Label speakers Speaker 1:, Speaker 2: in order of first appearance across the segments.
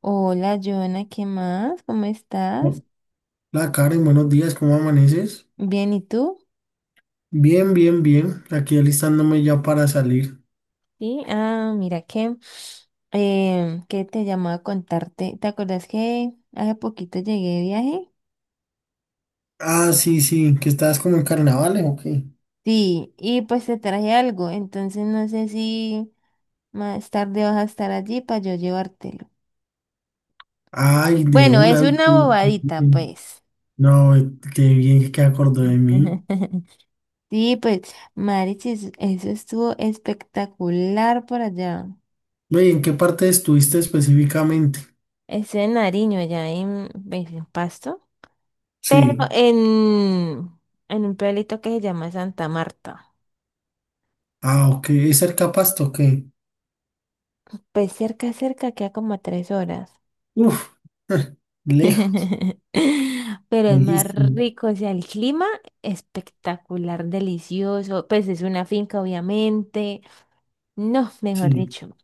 Speaker 1: Hola, Joana, ¿qué más? ¿Cómo estás?
Speaker 2: Hola Karen, buenos días, ¿cómo amaneces?
Speaker 1: Bien, ¿y tú?
Speaker 2: Bien, bien, bien. Aquí alistándome ya para salir.
Speaker 1: Sí, ah, mira que te llamaba a contarte. ¿Te acuerdas que hace poquito llegué de viaje?
Speaker 2: Ah, sí, sí, ¿que estás como en carnavales, o qué?
Speaker 1: Sí, y pues te traje algo, entonces no sé si más tarde vas a estar allí para yo llevártelo.
Speaker 2: Ay, de
Speaker 1: Bueno, es
Speaker 2: una.
Speaker 1: una bobadita, pues.
Speaker 2: No, qué bien que acordó de mí.
Speaker 1: Sí, pues, Marichis, eso estuvo espectacular por allá.
Speaker 2: Oye, ¿en qué parte estuviste específicamente?
Speaker 1: Eso en Nariño, allá en Pasto. Pero
Speaker 2: Sí.
Speaker 1: en, en un pueblito que se llama Santa Marta.
Speaker 2: Ah, ok. ¿Es cerca a Pasto? Ok.
Speaker 1: Pues cerca, cerca, queda como a tres horas.
Speaker 2: Uf, lejos,
Speaker 1: Pero es más
Speaker 2: lejísimo.
Speaker 1: rico, o sea, el clima espectacular, delicioso. Pues es una finca, obviamente. No, mejor
Speaker 2: Sí.
Speaker 1: dicho.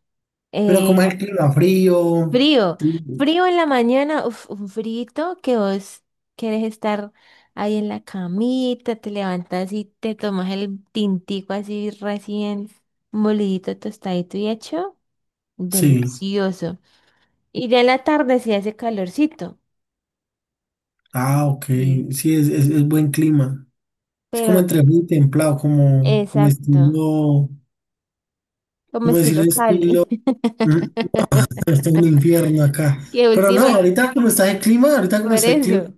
Speaker 2: Pero
Speaker 1: eh,
Speaker 2: como es el clima? Frío.
Speaker 1: Frío,
Speaker 2: Sí.
Speaker 1: frío en la mañana, uf, un frito que vos quieres estar ahí en la camita, te levantas y te tomas el tintico así recién molidito, tostadito y hecho,
Speaker 2: Sí.
Speaker 1: delicioso. Y ya en la tarde sí hace calorcito.
Speaker 2: Ah, ok.
Speaker 1: Sí,
Speaker 2: Sí, es es buen clima. Es como
Speaker 1: pero
Speaker 2: entre muy templado, como, como
Speaker 1: exacto,
Speaker 2: estilo,
Speaker 1: como
Speaker 2: como decir
Speaker 1: estilo
Speaker 2: estilo,
Speaker 1: Cali.
Speaker 2: mm, está un infierno acá.
Speaker 1: Qué
Speaker 2: Pero no,
Speaker 1: última,
Speaker 2: ahorita como está el clima, ahorita como
Speaker 1: por
Speaker 2: está el clima.
Speaker 1: eso.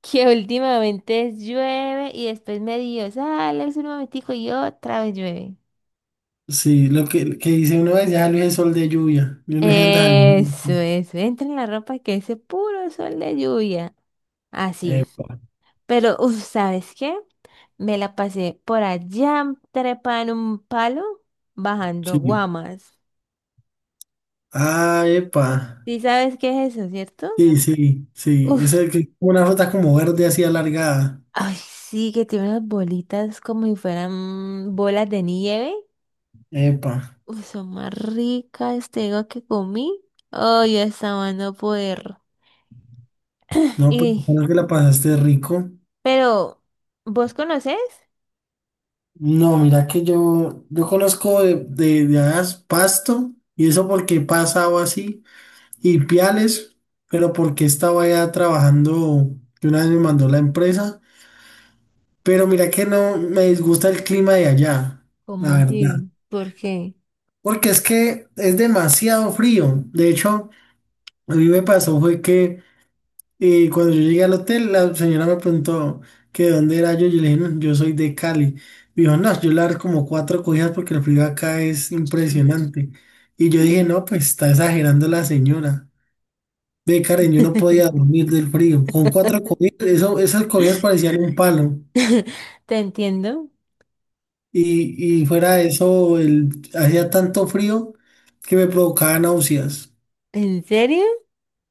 Speaker 1: Que últimamente llueve y después medio sale el sol un momentico y otra vez llueve.
Speaker 2: Sí, lo que dice uno es ya es el sol de lluvia. Yo no sé dónde salió.
Speaker 1: Eso, entra en la ropa que ese puro sol de lluvia. Así.
Speaker 2: Epa,
Speaker 1: Pero, uf, ¿sabes qué? Me la pasé por allá trepada en un palo bajando
Speaker 2: sí.
Speaker 1: guamas.
Speaker 2: Ah, epa.
Speaker 1: ¿Sí sabes qué es eso, cierto?
Speaker 2: Sí, sí, sí. Es
Speaker 1: Uf,
Speaker 2: el que una fruta como verde así alargada.
Speaker 1: ay, sí, que tiene unas bolitas como si fueran bolas de nieve.
Speaker 2: Epa.
Speaker 1: Uy, son más ricas, te digo que comí. Oh, yo estaba no poder.
Speaker 2: No, pues
Speaker 1: Y,
Speaker 2: creo que la pasaste rico.
Speaker 1: pero, ¿vos conocés?
Speaker 2: No, mira que yo conozco de hadas Pasto, y eso porque he pasado así, y Piales, pero porque estaba allá trabajando, que una vez me mandó la empresa, pero mira que no me disgusta el clima de allá,
Speaker 1: ¿Cómo
Speaker 2: la verdad,
Speaker 1: así? ¿Por qué?
Speaker 2: porque es que es demasiado frío. De hecho, a mí me pasó fue que, y cuando yo llegué al hotel, la señora me preguntó que de dónde era yo. Yo le dije, "No, yo soy de Cali". Me dijo, "No, yo le daré como cuatro cogidas porque el frío acá es impresionante". Y yo dije, "No, pues está exagerando la señora". Ve, Karen, yo no podía dormir del frío. Con cuatro cogidas, eso, esas cogidas parecían un palo.
Speaker 1: Te entiendo.
Speaker 2: Y fuera de eso, hacía tanto frío que me provocaba náuseas.
Speaker 1: ¿En serio?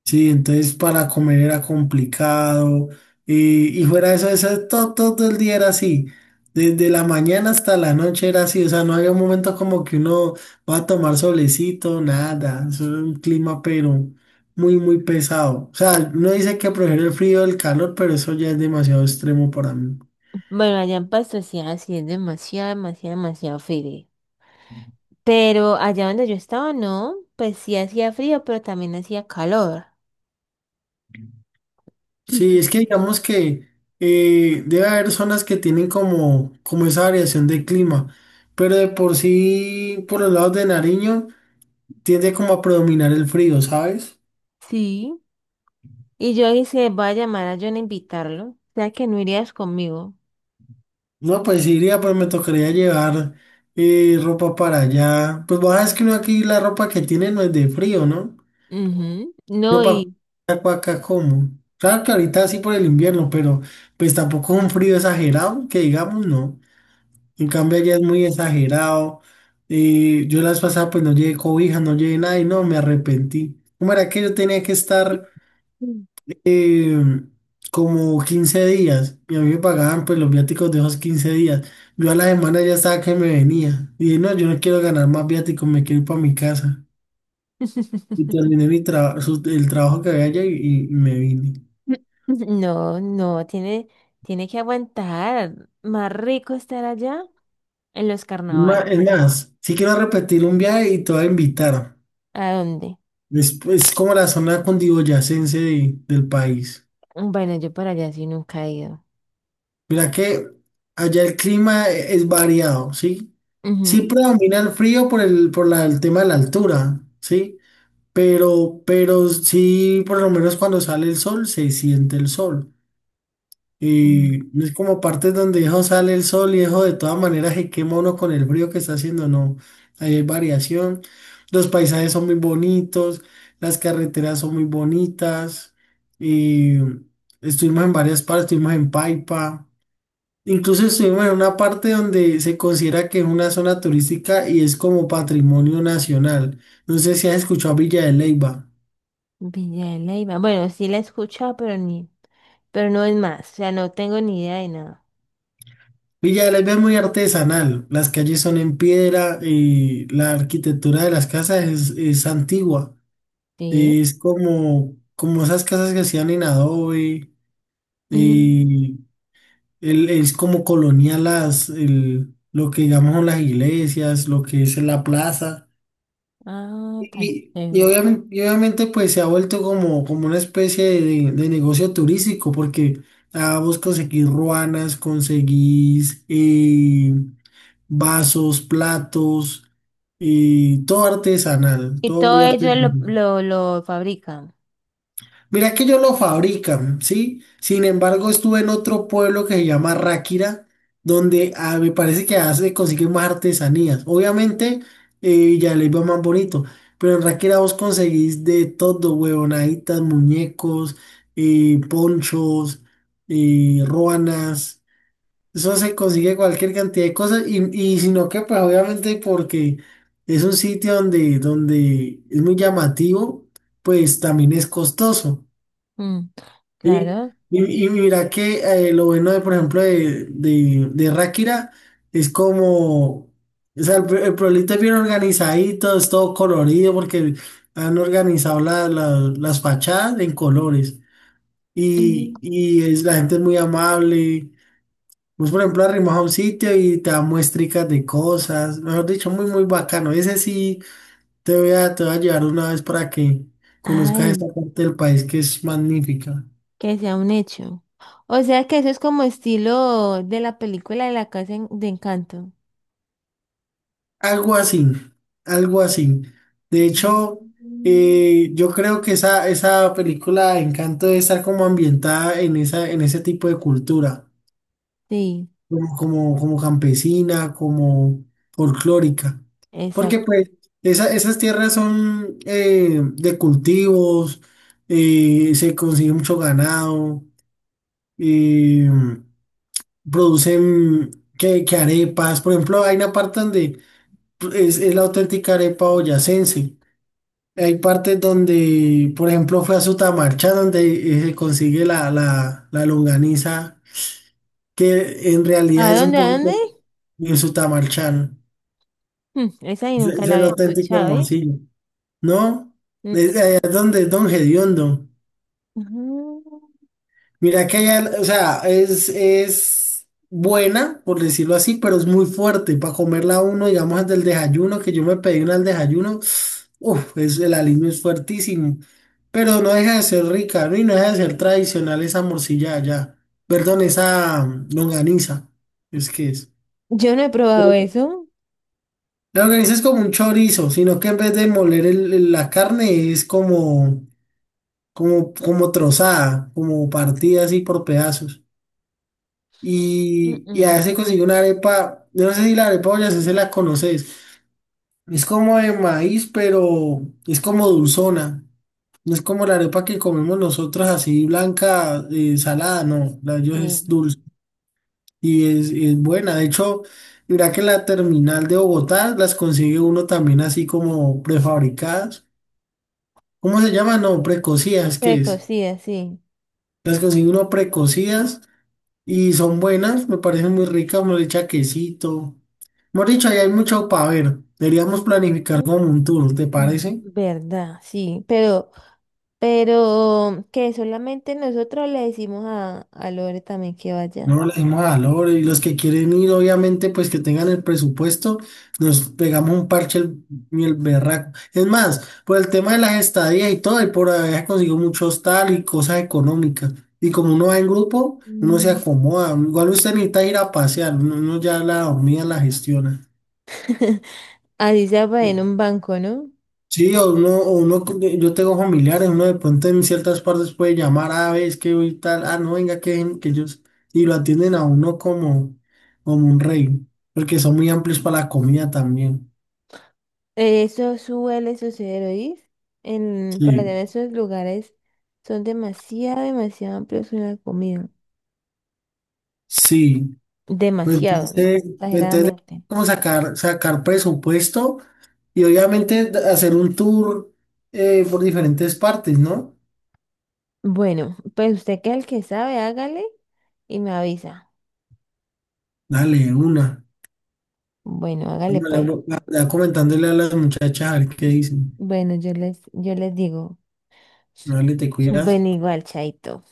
Speaker 2: Sí, entonces para comer era complicado. Y fuera de eso, eso todo, todo el día era así. Desde la mañana hasta la noche era así. O sea, no había un momento como que uno va a tomar solecito, nada. Eso era un clima, pero muy, muy pesado. O sea, uno dice que prefiere el frío del calor, pero eso ya es demasiado extremo para mí.
Speaker 1: Bueno, allá en Pastosia sí es demasiado, demasiado, demasiado frío. Pero allá donde yo estaba, no, pues sí hacía frío, pero también hacía calor.
Speaker 2: Sí, es que digamos que debe haber zonas que tienen como, como esa variación de clima, pero de por sí, por los lados de Nariño tiende como a predominar el frío, ¿sabes?
Speaker 1: Sí. Y yo dije, voy a llamar a John a invitarlo. O sea que no irías conmigo.
Speaker 2: No, pues sí iría, pero me tocaría llevar ropa para allá. Pues vos sabes que uno aquí la ropa que tiene no es de frío, ¿no?
Speaker 1: Ujú.
Speaker 2: Yo
Speaker 1: No,
Speaker 2: para
Speaker 1: y
Speaker 2: acá como. Claro que ahorita sí por el invierno, pero pues tampoco es un frío exagerado, que digamos no. En cambio allá es muy exagerado. Yo las pasadas pues no llevé cobija, no llevé nada y no, me arrepentí. ¿Cómo era que yo tenía que estar?
Speaker 1: Mm.
Speaker 2: eh, Como 15 días y a mí me pagaban pues los viáticos de esos 15 días. Yo a la semana ya estaba que me venía y dije, "No, yo no quiero ganar más viáticos, me quiero ir para mi casa". Y terminé mi el trabajo que había allá y, y me vine.
Speaker 1: No, no, tiene, tiene que aguantar. Más rico estar allá en los
Speaker 2: Es
Speaker 1: carnavales.
Speaker 2: más, sí quiero repetir un viaje y te voy a invitar.
Speaker 1: ¿A dónde?
Speaker 2: Es como la zona cundiboyacense del país.
Speaker 1: Bueno, yo para allá sí nunca he ido.
Speaker 2: Mira que allá el es variado, ¿sí? Sí
Speaker 1: Ujú.
Speaker 2: predomina el frío por el tema de la altura, ¿sí? Pero sí, por lo menos cuando sale el sol, se siente el sol.
Speaker 1: Mm,
Speaker 2: Y es como partes donde hijo sale el sol y hijo de todas maneras se quema uno con el frío que está haciendo, no. Ahí hay variación. Los paisajes son muy bonitos, las carreteras son muy bonitas. Y estuvimos en varias partes, estuvimos en Paipa. Incluso estuvimos en una parte donde se considera que es una zona turística y es como patrimonio nacional. No sé si has escuchado Villa de Leyva.
Speaker 1: Villa de Leyva. Bueno, sí la he escuchado, pero ni, pero no es más. O sea, no tengo ni idea de nada.
Speaker 2: Villa de la Ley es muy artesanal, las calles son en piedra y la arquitectura de las casas es antigua,
Speaker 1: Sí.
Speaker 2: es como, como esas casas que hacían en adobe,
Speaker 1: Mm.
Speaker 2: y es como colonial lo que digamos son las iglesias, lo que es la plaza,
Speaker 1: Ah, tan chévere.
Speaker 2: y obviamente pues se ha vuelto como, como una especie de negocio turístico porque ah, vos conseguís ruanas, conseguís... vasos, platos, y todo artesanal,
Speaker 1: Y
Speaker 2: todo
Speaker 1: todo
Speaker 2: muy
Speaker 1: ello lo,
Speaker 2: artesanal.
Speaker 1: lo, lo fabrican.
Speaker 2: Mira que ellos lo fabrican, ¿sí? Sin embargo, estuve en otro pueblo que se llama Ráquira, donde ah, me parece que ah, se consiguen más artesanías. Obviamente, ya les va más bonito, pero en Ráquira vos conseguís de todo, huevonaditas, muñecos, ponchos, ruanas. Eso se consigue cualquier cantidad de cosas y sino que pues obviamente porque es un sitio donde, donde es muy llamativo, pues también es costoso,
Speaker 1: Mm.
Speaker 2: ¿sí?
Speaker 1: Claro.
Speaker 2: Y mira que lo bueno de, por ejemplo, de Ráquira es como, o sea, el pueblito es bien organizadito, es todo colorido porque han organizado las fachadas en colores
Speaker 1: Mm.
Speaker 2: y es, la gente es muy amable. Vos, por ejemplo, arrimas a un sitio y te da muestricas de cosas. Mejor dicho, muy, muy bacano. Ese sí te voy a llevar una vez para que conozcas esta
Speaker 1: Ay.
Speaker 2: parte del país que es magnífica.
Speaker 1: Que sea un hecho. O sea que eso es como estilo de la película de la casa en- de Encanto.
Speaker 2: Algo así, algo así. De hecho,
Speaker 1: Mm.
Speaker 2: yo creo que esa película Encanto debe estar como ambientada en esa, en ese tipo de cultura.
Speaker 1: Sí,
Speaker 2: Como, como, como campesina, como folclórica, porque
Speaker 1: exacto.
Speaker 2: pues esas tierras son de cultivos, se consigue mucho ganado, eh, producen que arepas, por ejemplo, hay una parte donde es la auténtica arepa boyacense. Hay partes donde, por ejemplo, fue a Sutamarcha, donde se consigue la longaniza que en realidad
Speaker 1: ¿A
Speaker 2: es un
Speaker 1: dónde? ¿A dónde?
Speaker 2: poquito en su tamarchán.
Speaker 1: Mm, esa ahí nunca
Speaker 2: Es
Speaker 1: la
Speaker 2: el
Speaker 1: había
Speaker 2: auténtico
Speaker 1: escuchado, ¿eh?
Speaker 2: morcillo. ¿No?
Speaker 1: Mm,
Speaker 2: Es,
Speaker 1: mm.
Speaker 2: allá es donde es Don Gediondo.
Speaker 1: Ujú.
Speaker 2: Mira que allá, o sea, es buena, por decirlo así, pero es muy fuerte. Para comerla uno, digamos, desde el desayuno, que yo me pedí una al desayuno, uff, es, el aliño es fuertísimo. Pero no deja de ser rica, ¿no? Y no deja de ser tradicional esa morcilla allá. Perdón, esa longaniza. Es que es.
Speaker 1: Yo no he probado eso.
Speaker 2: La organiza es como un chorizo, sino que en vez de moler la carne es como, como, como trozada, como partida así por pedazos.
Speaker 1: Mm,
Speaker 2: Y
Speaker 1: mm.
Speaker 2: a se consigue una arepa, yo no sé si la arepa boyacense se la conoces. Es como de maíz, pero es como dulzona. No es como la arepa que comemos nosotros así blanca, salada, no, la de ellos es
Speaker 1: Sí.
Speaker 2: dulce y es buena. De hecho, mira que en la terminal de Bogotá las consigue uno también así como prefabricadas. ¿Cómo se llama? No, precocidas, ¿qué es?
Speaker 1: Precocida, sí.
Speaker 2: Las consigue uno precocidas y son buenas, me parecen muy ricas, me le echa quesito. Hemos dicho, ahí hay mucho para ver. Deberíamos planificar
Speaker 1: Ujú.
Speaker 2: como un tour, ¿te
Speaker 1: Mm.
Speaker 2: parece?
Speaker 1: Verdad, sí. Pero que solamente nosotros le decimos a Lore también que vaya.
Speaker 2: No, le dimos valor y los que quieren ir, obviamente, pues que tengan el presupuesto, nos pegamos un parche el, y el berraco. Es más, por el tema de las estadías y todo, y por haber conseguido mucho hostal y cosas económicas. Y como uno va en grupo, uno se acomoda. Igual usted necesita ir a pasear, uno ya la dormida la gestiona.
Speaker 1: Así sea para en un banco, ¿no?
Speaker 2: Sí, o uno, yo tengo familiares, uno de pronto en ciertas partes puede llamar a veces que hoy tal, ah, no, venga, que, ven", que ellos, y lo atienden a uno como, como un rey, porque son muy amplios para la comida también.
Speaker 1: Eso suele suceder, ¿oís? En, para
Speaker 2: Sí,
Speaker 1: tener esos lugares son demasiado, demasiado amplios en la comida.
Speaker 2: sí. Pues
Speaker 1: Demasiado,
Speaker 2: entonces, pues entonces
Speaker 1: exageradamente.
Speaker 2: como sacar presupuesto y obviamente hacer un tour por diferentes partes, ¿no?
Speaker 1: Bueno, pues usted que es el que sabe, hágale y me avisa.
Speaker 2: Dale, una.
Speaker 1: Bueno, hágale pues.
Speaker 2: Ya comentándole a las muchachas a ver qué dicen.
Speaker 1: Bueno, yo les digo.
Speaker 2: Dale, te cuidas.
Speaker 1: Bueno, igual, chaito.